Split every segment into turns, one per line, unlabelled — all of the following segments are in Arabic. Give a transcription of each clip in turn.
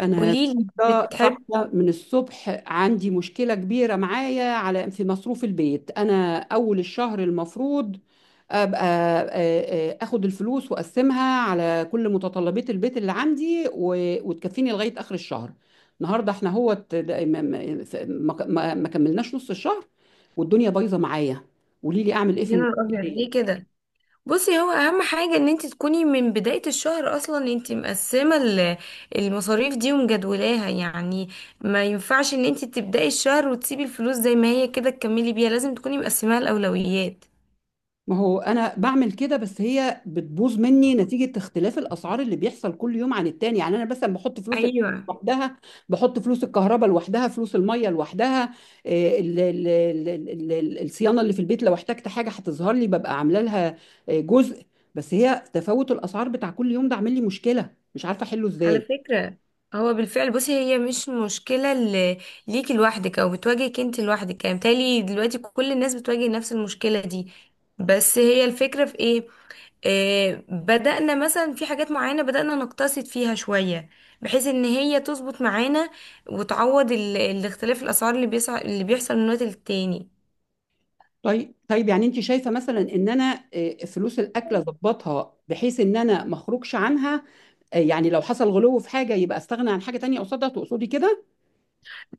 انا
قوليلي
النهاردة
بتحبي.
صاحبه من الصبح. عندي مشكله كبيره معايا على في مصروف البيت. انا اول الشهر المفروض ابقى اخد الفلوس واقسمها على كل متطلبات البيت اللي عندي وتكفيني لغايه اخر الشهر. النهارده احنا هو ما كملناش نص الشهر والدنيا بايظه معايا. قولي لي اعمل ايه في
اللون الابيض ليه
المشكله؟
كده؟ بصي، هو اهم حاجه ان انت تكوني من بدايه الشهر اصلا انت مقسمه المصاريف دي ومجدولاها يعني. ما ينفعش ان انت تبداي الشهر وتسيبي الفلوس زي ما هي كده تكملي بيها، لازم تكوني مقسماها الاولويات.
ما هو انا بعمل كده، بس هي بتبوظ مني نتيجة اختلاف الاسعار اللي بيحصل كل يوم عن التاني. يعني انا مثلا بحط فلوس
ايوه.
لوحدها، بحط فلوس الكهرباء لوحدها، فلوس المية لوحدها. الصيانة اللي في البيت لو احتجت حاجة هتظهر لي ببقى عاملة لها جزء. بس هي تفاوت الاسعار بتاع كل يوم ده عامل لي مشكلة مش عارفة احله
على
ازاي.
فكره، هو بالفعل، بصي، هي مش مشكله ليكي لوحدك او بتواجهك انت لوحدك يعني، بالتالي دلوقتي كل الناس بتواجه نفس المشكله دي. بس هي الفكرة في ايه، بدأنا مثلا في حاجات معينة بدأنا نقتصد فيها شوية بحيث ان هي تظبط معانا وتعوض الاختلاف الاسعار اللي اللي بيحصل من وقت للتاني.
طيب يعني انت شايفه مثلا ان انا، فلوس الاكل اظبطها بحيث ان انا ما اخرجش عنها، يعني لو حصل غلو في حاجه يبقى استغنى عن حاجه تانية قصادها، تقصدي كده؟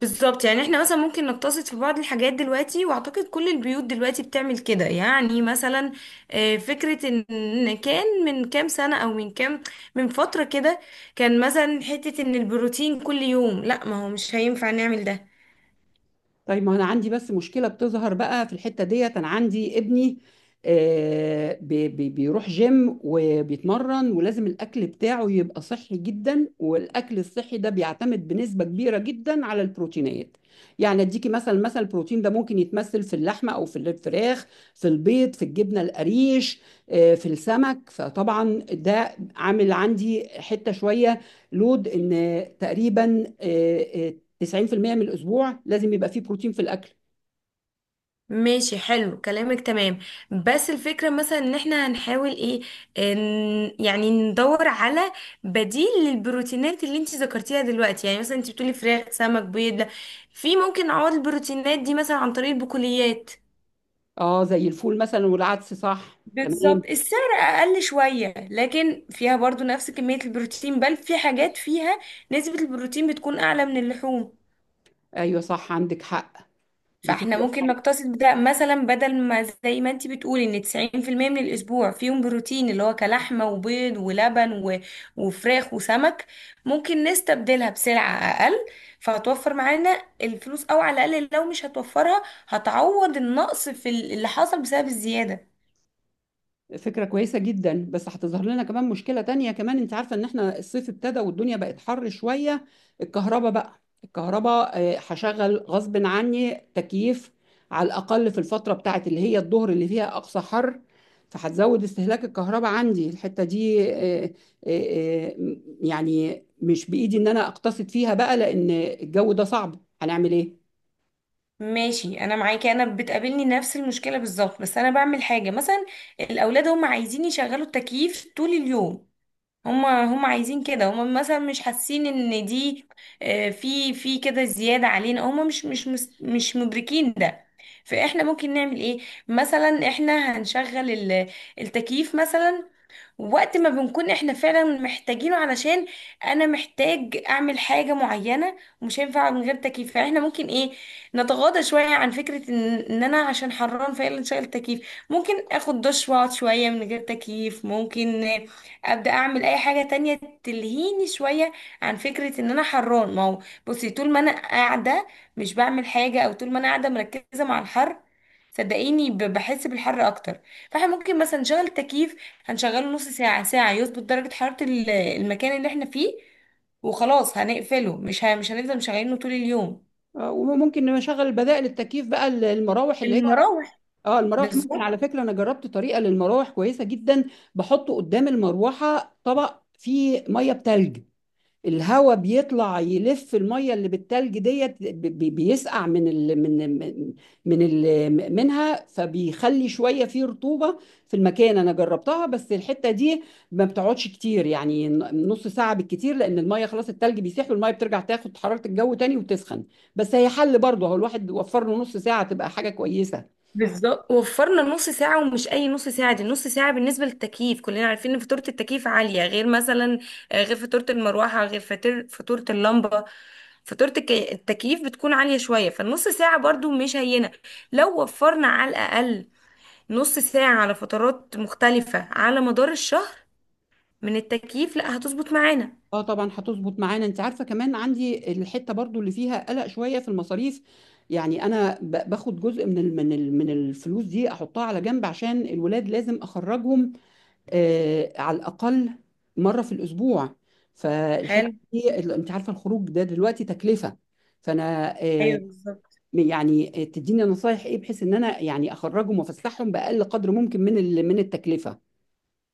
بالظبط، يعني احنا مثلا ممكن نقتصد في بعض الحاجات دلوقتي، واعتقد كل البيوت دلوقتي بتعمل كده. يعني مثلا فكرة ان كان من كام سنة او من كام، من فترة كده، كان مثلا حتة ان البروتين كل يوم، لا ما هو مش هينفع نعمل ده.
طيب ما انا عندي بس مشكله بتظهر بقى في الحته ديت. انا عندي ابني بيروح جيم وبيتمرن ولازم الاكل بتاعه يبقى صحي جدا، والاكل الصحي ده بيعتمد بنسبه كبيره جدا على البروتينات. يعني اديكي مثلا، البروتين ده ممكن يتمثل في اللحمه او في الفراخ، في البيض، في الجبنه القريش، في السمك. فطبعا ده عامل عندي حته شويه. لود ان تقريبا 90% من الاسبوع لازم يبقى فيه بروتين في الاكل.
ماشي، حلو كلامك، تمام. بس الفكرة مثلا ان احنا هنحاول ايه، ان يعني ندور على بديل للبروتينات اللي انت ذكرتيها دلوقتي. يعني مثلا انت بتقولي فراخ سمك بيض، لا. في ممكن نعوض البروتينات دي مثلا عن طريق البقوليات.
اه، زي الفول مثلا والعدس، صح،
بالظبط،
تمام.
السعر اقل شويه لكن فيها برضو نفس كميه البروتين، بل في حاجات فيها نسبه البروتين بتكون اعلى من اللحوم.
ايوه صح، عندك حق. دي
فاحنا
فكره.
ممكن نقتصد ده مثلا، بدل ما زي ما انت بتقولي ان 90% من الاسبوع فيهم بروتين اللي هو كلحمه وبيض ولبن وفراخ وسمك، ممكن نستبدلها بسلعه اقل، فهتوفر معانا الفلوس، او على الاقل لو مش هتوفرها هتعوض النقص في اللي حصل بسبب الزياده.
فكرة كويسة جدا، بس هتظهر لنا كمان مشكلة تانية. كمان انت عارفة ان احنا الصيف ابتدى والدنيا بقت حر شوية. الكهرباء بقى، الكهرباء، هشغل غصب عني تكييف على الأقل في الفترة بتاعت اللي هي الظهر اللي فيها أقصى حر. فهتزود استهلاك الكهرباء عندي الحتة دي. يعني مش بإيدي ان انا اقتصد فيها بقى، لأن الجو ده صعب، هنعمل ايه؟
ماشي، انا معاكي، انا بتقابلني نفس المشكله بالظبط، بس انا بعمل حاجه مثلا. الاولاد هم عايزين يشغلوا التكييف طول اليوم، هما عايزين كده، هما مثلا مش حاسين ان دي في كده زيادة علينا، هما مش مدركين ده. فاحنا ممكن نعمل ايه، مثلا احنا هنشغل التكييف مثلا وقت ما بنكون احنا فعلا محتاجينه، علشان انا محتاج اعمل حاجة معينة ومش هينفع من غير تكييف. فاحنا ممكن ايه، نتغاضى شوية عن فكرة إن انا عشان حران فعلا شايل تكييف. ممكن اخد دش واقعد شوية من غير تكييف، ممكن ابدأ اعمل اي حاجة تانية تلهيني شوية عن فكرة ان انا حران. ما هو بصي، طول ما انا قاعدة مش بعمل حاجة، او طول ما انا قاعدة مركزة مع الحر، صدقيني بحس بالحر اكتر. فاحنا ممكن مثلا نشغل تكييف، هنشغله نص ساعة ساعة يظبط درجة حرارة المكان اللي احنا فيه وخلاص هنقفله، مش هنفضل مشغلينه طول اليوم.
وممكن نشغل بدائل التكييف بقى، المراوح اللي،
المراوح،
اه المراوح. ممكن،
بالظبط.
على فكرة انا جربت طريقة للمراوح كويسة جدا. بحط قدام المروحة طبق فيه مية بتلج. الهواء بيطلع يلف المية اللي بالتلج ديت بيسقع من من ال منها، فبيخلي شوية فيه رطوبة في المكان. انا جربتها بس الحتة دي ما بتقعدش كتير، يعني نص ساعة بالكتير، لان المية خلاص، التلج بيسيح والمية بترجع تاخد حرارة الجو تاني وتسخن. بس هي حل برضه، هو الواحد وفر له نص ساعة تبقى حاجة كويسة.
بالظبط، وفرنا نص ساعة، ومش أي نص ساعة، دي نص ساعة بالنسبة للتكييف. كلنا عارفين إن فاتورة التكييف عالية، غير مثلا غير فاتورة المروحة، غير فاتورة اللمبة. فاتورة التكييف بتكون عالية شوية، فالنص ساعة برضو مش هينة. لو وفرنا على الأقل نص ساعة على فترات مختلفة على مدار الشهر من التكييف، لا هتظبط معانا.
اه طبعا هتظبط معانا. انت عارفه كمان عندي الحته برضو اللي فيها قلق شويه في المصاريف. يعني انا باخد جزء من الفلوس دي احطها على جنب عشان الولاد لازم اخرجهم آه، على الاقل مره في الاسبوع. فالحته
حلو.
دي انت عارفه الخروج ده دلوقتي تكلفه. فانا آه،
ايوه بالظبط.
يعني تديني نصايح ايه بحيث ان انا يعني اخرجهم وافسحهم باقل قدر ممكن من التكلفه؟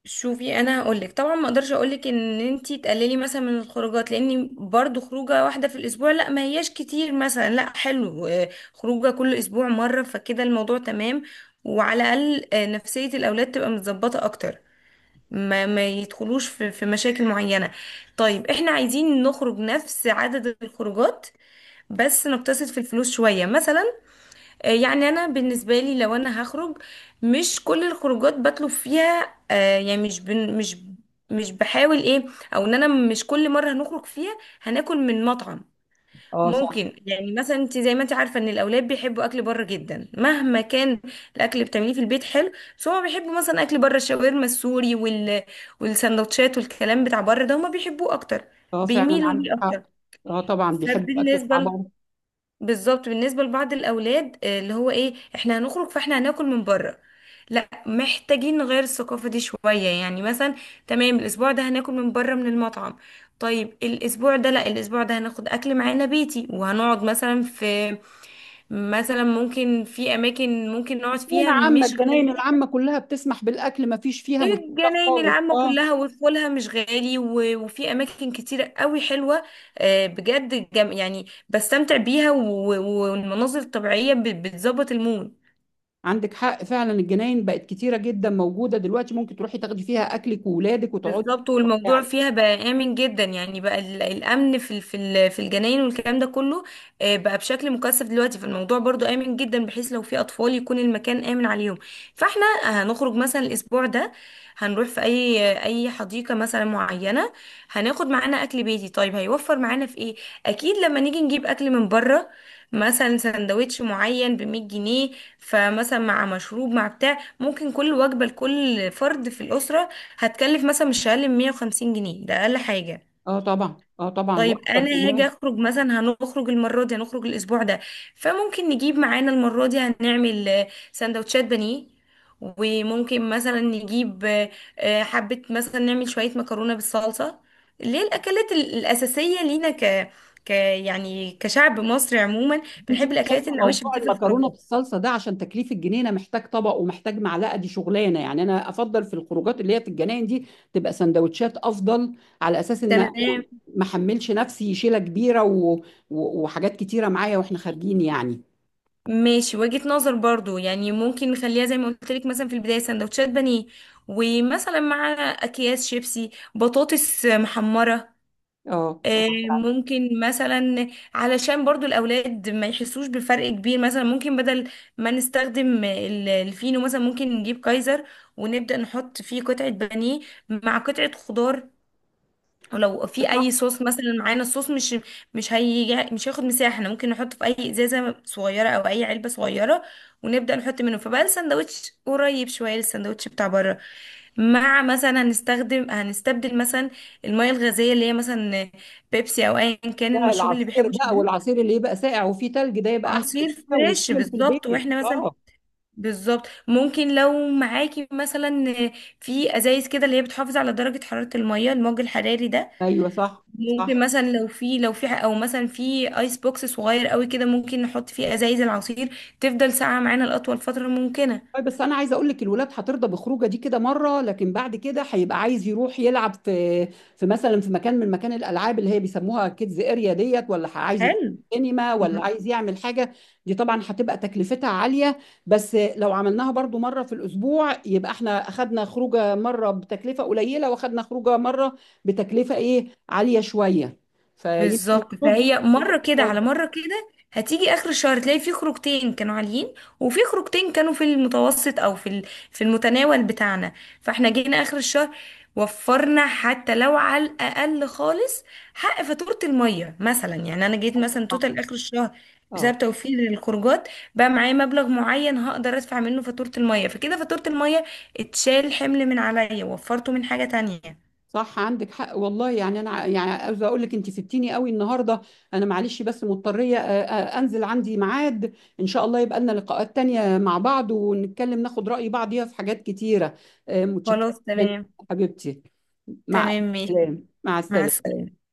شوفي، انا هقولك طبعا ما اقدرش اقولك ان انتي تقللي مثلا من الخروجات، لان برضو خروجه واحده في الاسبوع لا ما هياش كتير. مثلا لا، حلو، خروجه كل اسبوع مره، فكده الموضوع تمام، وعلى الاقل نفسيه الاولاد تبقى متظبطه اكتر، ما يدخلوش في مشاكل معينه. طيب احنا عايزين نخرج نفس عدد الخروجات بس نقتصد في الفلوس شويه. مثلا يعني انا بالنسبه لي لو انا هخرج، مش كل الخروجات بطلب فيها يعني مش بن مش مش بحاول ايه، او ان انا مش كل مره هنخرج فيها هناكل من مطعم.
اه صح.
ممكن يعني مثلا انت زي ما انت عارفه ان الاولاد بيحبوا اكل بره جدا، مهما كان الاكل بتعمليه في البيت حلو، بس هما بيحبوا مثلا اكل بره الشاورما السوري والسندوتشات والكلام بتاع بره ده هما بيحبوه اكتر،
اه فعلا
بيميلوا
عندك
ليه اكتر.
حق. اه طبعا بيحبوا الاكل بتاع
فبالنسبه
بابا.
بالظبط، بالنسبة لبعض الأولاد اللي هو إيه، إحنا هنخرج فإحنا هناكل من بره، لا محتاجين نغير الثقافة دي شوية. يعني مثلا تمام، الأسبوع ده هناكل من بره من المطعم، طيب الأسبوع ده لا، الأسبوع ده هناخد أكل معانا بيتي وهنقعد مثلا في، مثلا ممكن في أماكن ممكن نقعد
جناين
فيها
عامة،
مش
الجناين
غالية.
العامة كلها بتسمح بالأكل، ما فيش فيها
إيه،
مشكلة
الجناين
خالص.
العامة
اه
كلها ودخولها مش غالي، وفي أماكن كتيرة قوي حلوة، بجد جم يعني بستمتع بيها، والمناظر الطبيعية بتظبط المود.
عندك حق فعلا، الجناين بقت كتيرة جدا موجودة دلوقتي، ممكن تروحي تاخدي فيها أكلك وولادك وتقعدي
بالظبط، والموضوع
تستمتعي.
فيها بقى آمن جدا يعني، بقى الأمن في في الجناين والكلام ده كله بقى بشكل مكثف دلوقتي، فالموضوع برضو آمن جدا بحيث لو في أطفال يكون المكان آمن عليهم. فاحنا هنخرج مثلا الأسبوع ده، هنروح في أي حديقة مثلا معينة، هناخد معانا أكل بيتي. طيب هيوفر معانا في إيه؟ أكيد لما نيجي نجيب أكل من بره مثلا سندوتش معين ب 100 جنيه، فمثلا مع مشروب مع بتاع، ممكن كل وجبة لكل فرد في الأسرة هتكلف مثلا مش اقل من 150 جنيه، ده اقل حاجه.
اه طبعا، اه طبعا
طيب
واكتر
انا هاجي
كمان.
اخرج مثلا، هنخرج المره دي، هنخرج الاسبوع ده فممكن نجيب معانا المره دي، هنعمل سندوتشات بانيه، وممكن مثلا نجيب حبه، مثلا نعمل شويه مكرونه بالصلصه، اللي هي الاكلات الاساسيه لينا ك ك يعني كشعب مصري عموما
انت مش
بنحب الاكلات
شايفه
النواشف
موضوع
دي في
المكرونه
الخروجات.
بالصلصه ده، عشان تكليف الجنينه محتاج طبق ومحتاج معلقه، دي شغلانه. يعني انا افضل في الخروجات اللي هي في الجناين دي تبقى سندوتشات افضل، على اساس ان أنا
تمام،
ما احملش نفسي شيله كبيره وحاجات كتيره معايا واحنا خارجين يعني.
ماشي، وجهة نظر برضو. يعني ممكن نخليها زي ما قلت لك مثلا في البداية، سندوتشات بانيه ومثلا مع أكياس شيبسي بطاطس محمرة.
اه آه.
ممكن مثلا علشان برضو الأولاد ما يحسوش بفرق كبير، مثلا ممكن بدل ما نستخدم الفينو مثلا ممكن نجيب كايزر، ونبدأ نحط فيه قطعة بانيه مع قطعة خضار، ولو في اي
صح.
صوص مثلا معانا الصوص مش مش هيجي، مش هياخد مساحه، احنا ممكن نحطه في اي ازازه صغيره او اي علبه صغيره ونبدا نحط منه، فبقى الساندوتش قريب شويه للساندوتش بتاع بره. مع مثلا هنستخدم، هنستبدل مثلا الميه الغازيه اللي هي مثلا بيبسي او ايا كان
ده
المشروب اللي
العصير
بيحبه
بقى،
شبه
والعصير اللي يبقى ساقع وفيه تلج ده يبقى احسن
عصير
حاجه
فريش،
ويتعمل في
بالظبط،
البيت،
واحنا مثلا،
اه.
بالظبط، ممكن لو معاكي مثلا في ازايز كده اللي هي بتحافظ على درجه حراره الميه، الموج الحراري ده،
ايوه صح
ممكن
صح.
مثلا لو في لو في او مثلا في ايس بوكس صغير قوي كده، ممكن نحط فيه ازايز العصير تفضل ساقعه معانا لاطول فتره ممكنه.
طيب بس انا عايزه اقول لك، الولاد هترضى بخروجه دي كده مره، لكن بعد كده هيبقى عايز يروح يلعب في، في مثلا في مكان، من مكان الالعاب اللي هي بيسموها كيدز اريا ديت، ولا عايز يخش
حلو،
سينما، ولا عايز يعمل حاجه. دي طبعا هتبقى تكلفتها عاليه، بس لو عملناها برضو مره في الاسبوع، يبقى احنا اخدنا خروجه مره بتكلفه قليله واخدنا خروجه مره بتكلفه ايه، عاليه شويه، فيمكن
بالظبط.
تظبط.
فهي مرة كده على مرة كده هتيجي آخر الشهر تلاقي في خروجتين كانوا عاليين وفي خروجتين كانوا في المتوسط أو في في المتناول بتاعنا. فاحنا جينا آخر الشهر، وفرنا حتى لو على الأقل خالص حق فاتورة المية مثلا. يعني أنا جيت مثلا توتال آخر الشهر
اه
بسبب توفير الخروجات بقى معايا مبلغ معين، هقدر أدفع منه فاتورة المية، فكده فاتورة المية اتشال حمل من عليا، وفرته من حاجة تانية.
صح، عندك حق والله. يعني انا يعني عاوزه اقول لك انت سبتيني قوي النهارده. انا معلش، بس مضطريه انزل، عندي ميعاد. ان شاء الله يبقى لنا لقاءات تانية مع بعض ونتكلم ناخد رأي بعض فيها في حاجات كتيره. متشكره
خلاص
جدا
تمام.
حبيبتي. مع
تمام، ماشي،
السلامه، مع
مع
السلامه.
السلامة.